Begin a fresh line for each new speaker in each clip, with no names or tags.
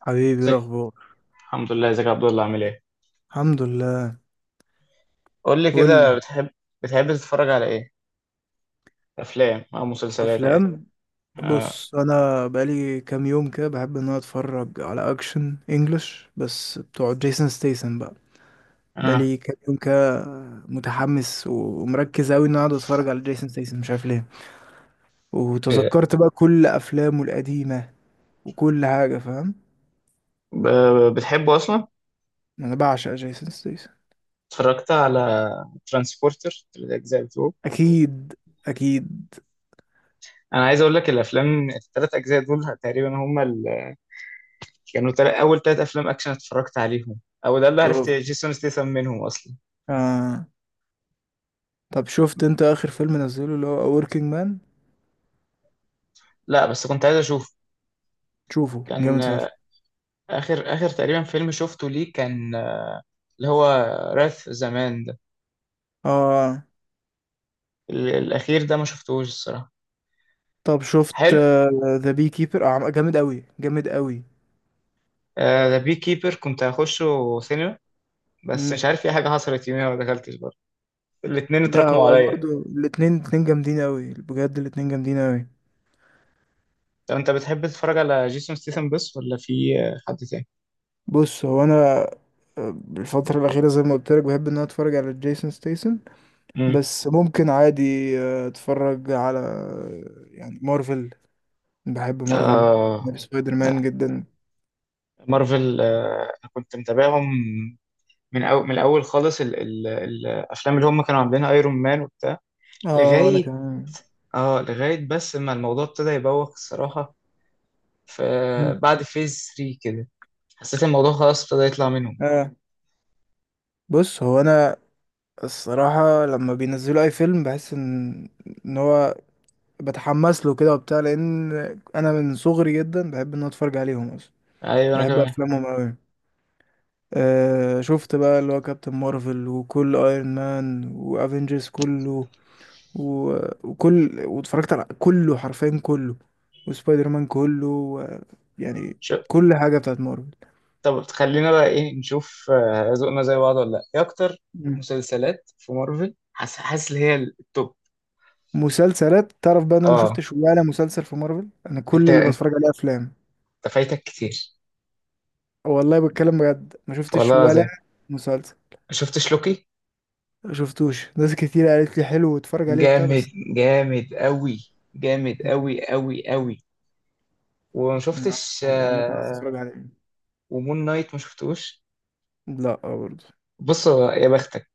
حبيبي إيه
ازيك.
الاخبار؟
الحمد لله، ازيك يا عبد الله؟ عامل ايه؟
الحمد لله.
قول لي
قول لي.
كده بتحب، بتحب تتفرج على ايه؟ افلام او مسلسلات عادي.
افلام.
آه.
بص، انا بقالي كام يوم كده بحب ان انا اتفرج على اكشن انجلش بس بتوع جيسون ستيسن بقى.
آه.
بقالي كام يوم كده متحمس ومركز اوي ان انا اقعد اتفرج على جيسون ستيسن، مش عارف ليه.
ب-
وتذكرت بقى كل افلامه القديمه وكل حاجه، فاهم.
بتحبه اصلا؟
انا بعشق جيسون ستيسن.
اتفرجت على ترانسبورتر، الاجزاء بتوعه؟
اكيد اكيد.
انا عايز اقول لك الافلام الثلاث اجزاء دول تقريبا هم كانوا اول ثلاث افلام اكشن اتفرجت عليهم، او ده اللي عرفت
اوف.
جيسون ستيثم منهم اصلا.
آه. طب شفت انت اخر فيلم نزله اللي هو Working Man؟
لا بس كنت عايز اشوف.
شوفه
كان
جامد.
اخر اخر تقريبا فيلم شفته ليه كان اللي هو راث زمان ده.
اه.
الاخير ده ما شفتهوش الصراحه.
طب شفت
حلو.
ذا بي كيبر؟ جامد قوي جامد قوي.
ذا بي كيبر كنت هخشه سينما، بس
مم.
مش عارف في حاجة حصلت يوميها ما دخلتش برضه. الاتنين
لا،
اتراكموا
هو
عليا.
برضو الاتنين اتنين جامدين قوي بجد، الاتنين جامدين قوي.
طب انت بتحب تتفرج على جيسون ستيثم بس، ولا في حد تاني؟
بص هو انا، آه، الفترة الأخيرة زي ما قلت لك بحب إن أنا أتفرج على جيسون ستيسن.
امم.
بس ممكن عادي أتفرج على يعني مارفل. بحب مارفل.
آه
بحب سبايدر مان
لا،
جدا.
مارفل كنت متابعهم من أو من الأول خالص، ال الأفلام اللي هم كانوا عاملينها، ايرون مان وبتاع،
اه وأنا
لغاية
كمان.
بس ما الموضوع ابتدى يبوخ الصراحة.
مم.
فبعد فيز 3 كده حسيت الموضوع خلاص ابتدى يطلع منهم.
اه. بص هو أنا الصراحة لما بينزلوا أي فيلم بحس إن، إن هو بتحمس له كده وبتاع، لان انا من صغري جدا بحب ان أنا اتفرج عليهم اصلا.
ايوه انا
بحب
كمان.
افلامهم قوي. آه شفت بقى اللي هو كابتن مارفل وكل ايرون مان وافنجرز كله و... وكل، واتفرجت على كله حرفيا كله، وسبايدر مان كله و... يعني كل حاجه بتاعت مارفل.
طب خلينا بقى ايه، نشوف ذوقنا زي بعض ولا لا، ايه اكتر
مم.
مسلسلات في مارفل؟ حاسس اللي هي التوب.
مسلسلات، تعرف بقى إن انا ما
اه،
شفتش ولا مسلسل في مارفل، انا
انت
كل اللي بتفرج عليه افلام.
فايتك كتير.
والله بتكلم بجد، ما شفتش
والله
ولا
العظيم
مسلسل.
ما شفتش لوكي؟
شفتوش، ناس كتير قالت لي حلو واتفرج عليه وبتاع
جامد.
بس.
جامد قوي. جامد قوي قوي قوي. وما
نعم.
شفتش
عامة عايز اتفرج عليه.
ومون نايت ما شفتوش؟
لا برضه.
بص يا بختك،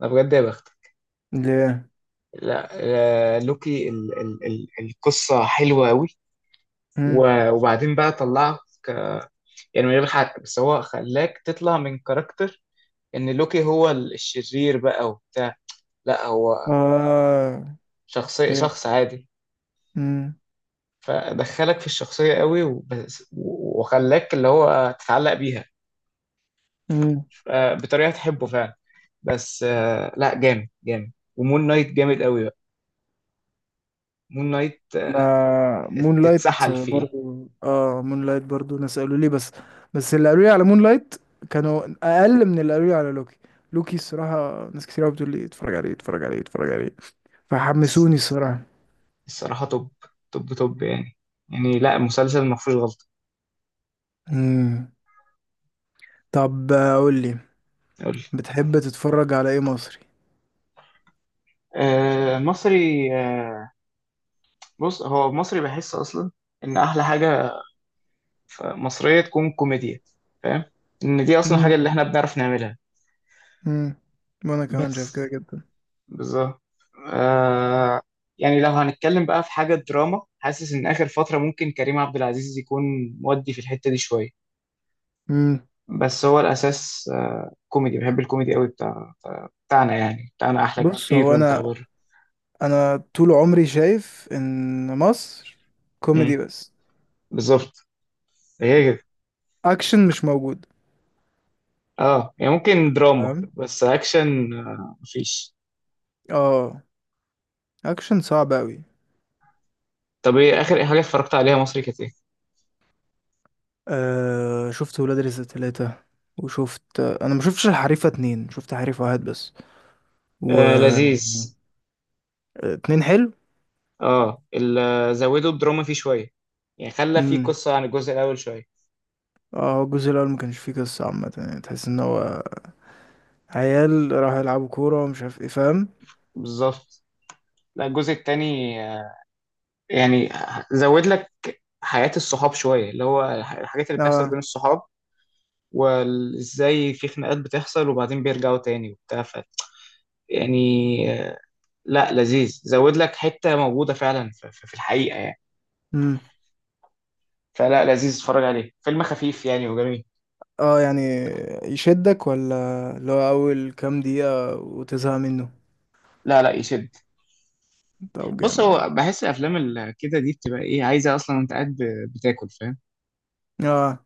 انا بجد يا بختك.
ليه؟
لا لوكي ال القصة حلوة قوي،
مم.
وبعدين بقى طلعه، يعني من غير حق بس هو خلاك تطلع من كاركتر ان لوكي هو الشرير بقى وبتاع. لا هو
اه.
شخصية
فهمت.
شخص عادي.
مم.
فدخلك في الشخصية قوي وبس، وخلاك اللي هو تتعلق بيها.
مم.
ف- بطريقة تحبه فعلا. بس لا جامد جامد، ومون نايت جامد قوي بقى. مون نايت
آه مون لايت
تتسحل فيه.
برضو، اه مون لايت برضو ناس قالوا لي بس. بس اللي قالوا لي على مون لايت كانوا اقل من اللي قالوا لي على لوكي. لوكي الصراحة ناس كتير قوي بتقول لي اتفرج عليه اتفرج عليه اتفرج عليه،
الص-
فحمسوني الصراحة.
الصراحة توب، توب توب يعني. يعني لا، المسلسل ما فيهوش غلطة.
مم. طب قول لي،
قول لي.
بتحب تتفرج على ايه مصري؟
آه، مصري بص هو مصري بحس اصلا ان احلى حاجه في مصريه تكون كوميديا، فاهم؟ ان دي اصلا حاجه
مم.
اللي احنا بنعرف نعملها.
امم. وانا كمان شايف كده
بس
جدا.
بالظبط، آه. يعني لو هنتكلم بقى في حاجه دراما، حاسس ان اخر فتره ممكن كريم عبد العزيز يكون مودي في الحته دي شويه.
امم.
بس هو الاساس آه، كوميدي، بحب الكوميدي قوي بتاع. بتاعنا يعني بتاعنا احلى
بص
كتير
هو
من بتاع
انا،
بره.
انا طول عمري شايف ان مصر كوميدي
مم،
بس،
بالظبط، هي كده.
اكشن مش موجود.
اه يعني ممكن دراما،
تمام.
بس اكشن مفيش.
اه. اكشن صعب اوي.
طب ايه اخر حاجه اتفرجت عليها مصري كانت إيه؟
آه شفت ولاد رزق تلاتة، وشفت، انا ما شفتش الحريفة اتنين، شفت حريف واحد بس و
آه لذيذ.
اتنين حلو.
اه، زودوا الدراما فيه شوية، يعني خلى فيه
امم.
قصة عن الجزء الأول شوية.
اه الجزء الاول ما كانش فيه قصة عامة، يعني تحس ان هو عيال راحوا يلعبوا كورة ومش عارف ايه، فاهم.
بالظبط. لا الجزء التاني يعني زود لك حياة الصحاب شوية، اللي هو الحاجات اللي بتحصل
اه.
بين الصحاب، وازاي في خناقات بتحصل وبعدين بيرجعوا تاني وبتاع يعني، آه، لا لذيذ، زود لك حتة موجودة فعلا في الحقيقة يعني.
امم.
فلا لذيذ، اتفرج عليه، فيلم خفيف يعني وجميل.
اه يعني يشدك ولا اللي هو اول كام دقيقة وتزهق منه؟
لا لا يشد.
طب
بص
جامد
هو
ده.
بحس الافلام اللي كده دي بتبقى ايه، عايزه اصلا انت قاعد بتاكل، فاهم.
اه.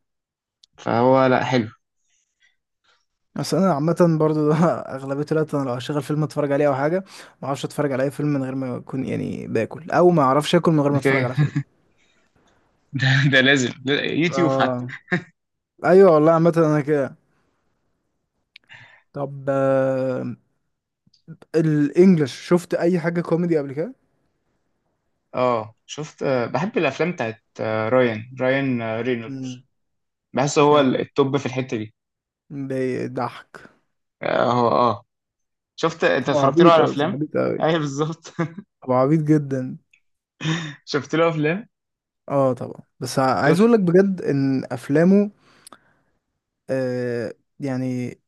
فهو لا حلو.
بس انا عامة برضو ده اغلبية الوقت انا لو هشغل فيلم اتفرج عليه او حاجة، ما اعرفش اتفرج على اي فيلم من غير ما اكون يعني باكل، او ما اعرفش اكل من غير ما
ده
اتفرج
كده
على فيلم.
ده, ده لازم، ده يوتيوب حتى.
اه. ايوه والله، عامة انا كده. طب آه، الانجليش شفت اي حاجة كوميدي قبل كده؟
اه شفت بحب الافلام بتاعت رايان
امم.
رينولدز. بحس هو
يعني
التوب في الحته دي.
بيضحك.
اه هو اه. شفت انت
هو
اتفرجت له
عبيط
على
اصلا،
افلام؟
عبيط اوي.
ايوه بالظبط.
هو عبيط جدا.
شفت له افلام؟
اه طبعا، بس عايز
شفت.
اقول لك بجد ان افلامه، آه، يعني،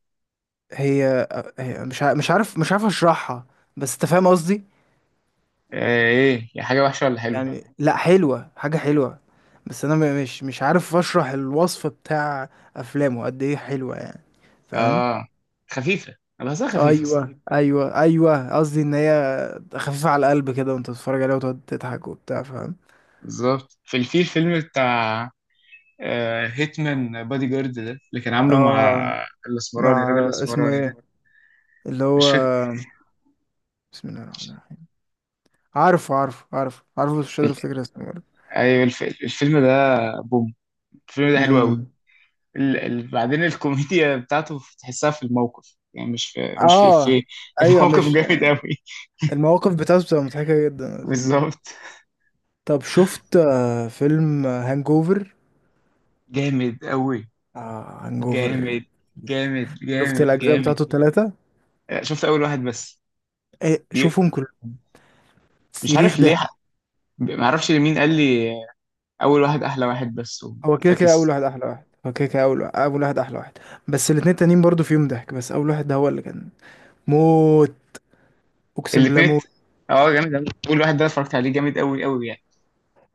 هي، مش مش عارف، مش عارف اشرحها، بس انت فاهم قصدي.
ايه يا حاجه وحشه ولا حلوه؟
يعني فاهم. لا حلوة، حاجة حلوة. بس انا مش عارف اشرح الوصف بتاع افلامه قد ايه حلوة، يعني فاهم.
اه خفيفه، انا بحسها خفيفه اصلا.
ايوه ايوه ايوه، قصدي ان هي خفيفة على القلب كده، وانت تتفرج عليها وتقعد تضحك وبتاع، فاهم.
بالظبط. في فيلم بتاع هيتمان بادي جارد ده اللي كان عامله مع
اه.
الاسمراني، الراجل
مع اسمه
الاسمراني
ايه؟
ده.
اللي هو
مش فاكر.
بسم الله الرحمن الرحيم، عارفه عارفه عارفه عارفه بس مش قادر
ال-
افتكر اسمه برضه.
ايوه الفيلم ده. بوم. الفيلم ده حلو قوي.
امم.
بعدين الكوميديا بتاعته تحسها في الموقف، يعني مش في
اه ايوه
الموقف
مش،
جامد قوي
المواقف بتاعته بتبقى مضحكة جدا.
بالظبط.
طب شفت فيلم هانجوفر؟
جامد قوي.
آه هانجوفر.
جامد جامد
شفت
جامد.
الأجزاء
جامد
بتاعته التلاتة؟
شفت اول واحد بس.
إيه
بي...
شوفهم كلهم.
مش
صريخ
عارف ليه
ضحك.
ما اعرفش لمين قال لي اول واحد احلى واحد بس.
هو كده كده أول
فاكس.
واحد أحلى واحد، هو كده كده أول واحد أحلى واحد. بس الاتنين التانيين برضو فيهم ضحك، بس أول واحد ده هو اللي كان موت، أقسم بالله
الاثنين.
موت.
اه جامد أوي. اول واحد ده اتفرجت عليه جامد قوي قوي يعني.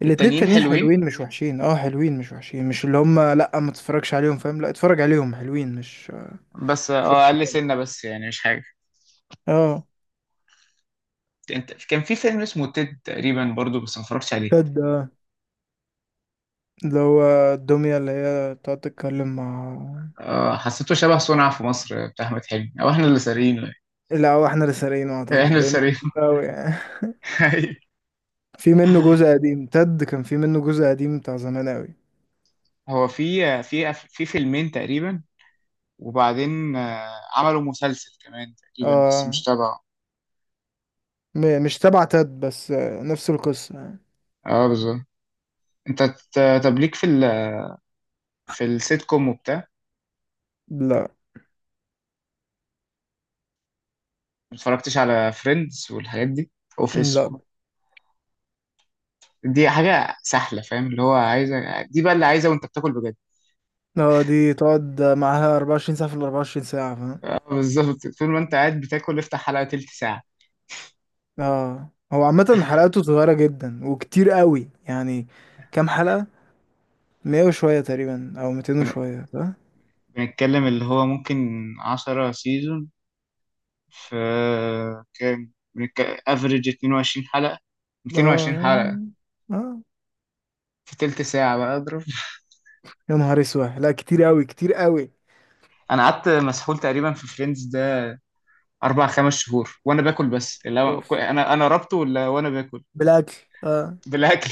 الاتنين
التانيين
التانيين
حلوين،
حلوين مش وحشين، اه حلوين مش وحشين، مش اللي هم لأ ما تتفرجش عليهم، فاهم، لأ اتفرج عليهم، حلوين مش
بس
مش
اه اقل
وحشين.
سنه بس، يعني مش حاجه.
اه.
انت كان في فيلم اسمه تيد تقريبا برضو بس ما اتفرجتش عليه.
تد، آه. اللي هو الدمية اللي هي تقعد تتكلم مع.
اه حسيته شبه صنع في مصر بتاع احمد حلمي، او احنا اللي سارقينه يعني.
لا هو احنا اللي سارقينه
احنا
اعتقد،
اللي
لانه قديم
سارقينه
اوي يعني. في منه جزء قديم، تد كان في منه جزء قديم بتاع زمان اوي.
هو في فيلمين تقريبا، وبعدين عملوا مسلسل كمان تقريبا بس
اه.
مش تبعه.
مش تبع تد، بس آه، نفس القصة يعني.
اه بالظبط. انت طب ليك في السيت كوم وبتاع.
لا
ما اتفرجتش على فريندز والحاجات دي، اوفيس.
لا.
دي حاجة سهلة فاهم، اللي هو عايزة دي بقى اللي عايزة وانت بتاكل بجد.
اه دي تقعد معاها 24 ساعة في ال 24 ساعة، فاهم.
بالظبط، طول ما انت قاعد بتاكل افتح حلقة تلت ساعة.
اه هو عامة حلقاته صغيرة جدا وكتير قوي يعني. كام حلقة؟ 100 وشوية تقريبا او 200
بن...
وشوية، صح؟
بنتكلم اللي هو ممكن 10 سيزون، في كام افريج 22 حلقة،
اه
220
يعني.
حلقة
اه
في تلت ساعة، بقى اضرب.
يا نهار اسود، لا كتير قوي كتير قوي.
انا قعدت مسحول تقريبا في فريندز ده 4 5 شهور وانا باكل، بس
اوف.
انا ربطه ولا وانا باكل.
بالاكل. اه
بالاكل.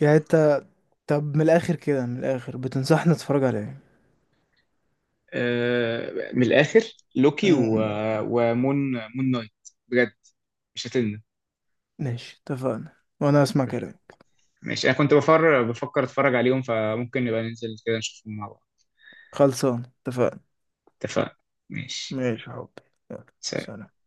يعني انت، طب من الاخر كده، من الاخر بتنصحني اتفرج على ايه؟
من الاخر، لوكي و...
امم.
ومون نايت، بجد مش هتلنا.
ماشي اتفقنا، وانا اسمع كلام.
ماشي. انا كنت بفكر اتفرج عليهم، فممكن نبقى ننزل كده نشوفهم مع بعض.
خلصان اتفقنا.
اتفقنا. ماشي.
ماشي يا حبي. يلا.
سلام.
سلام.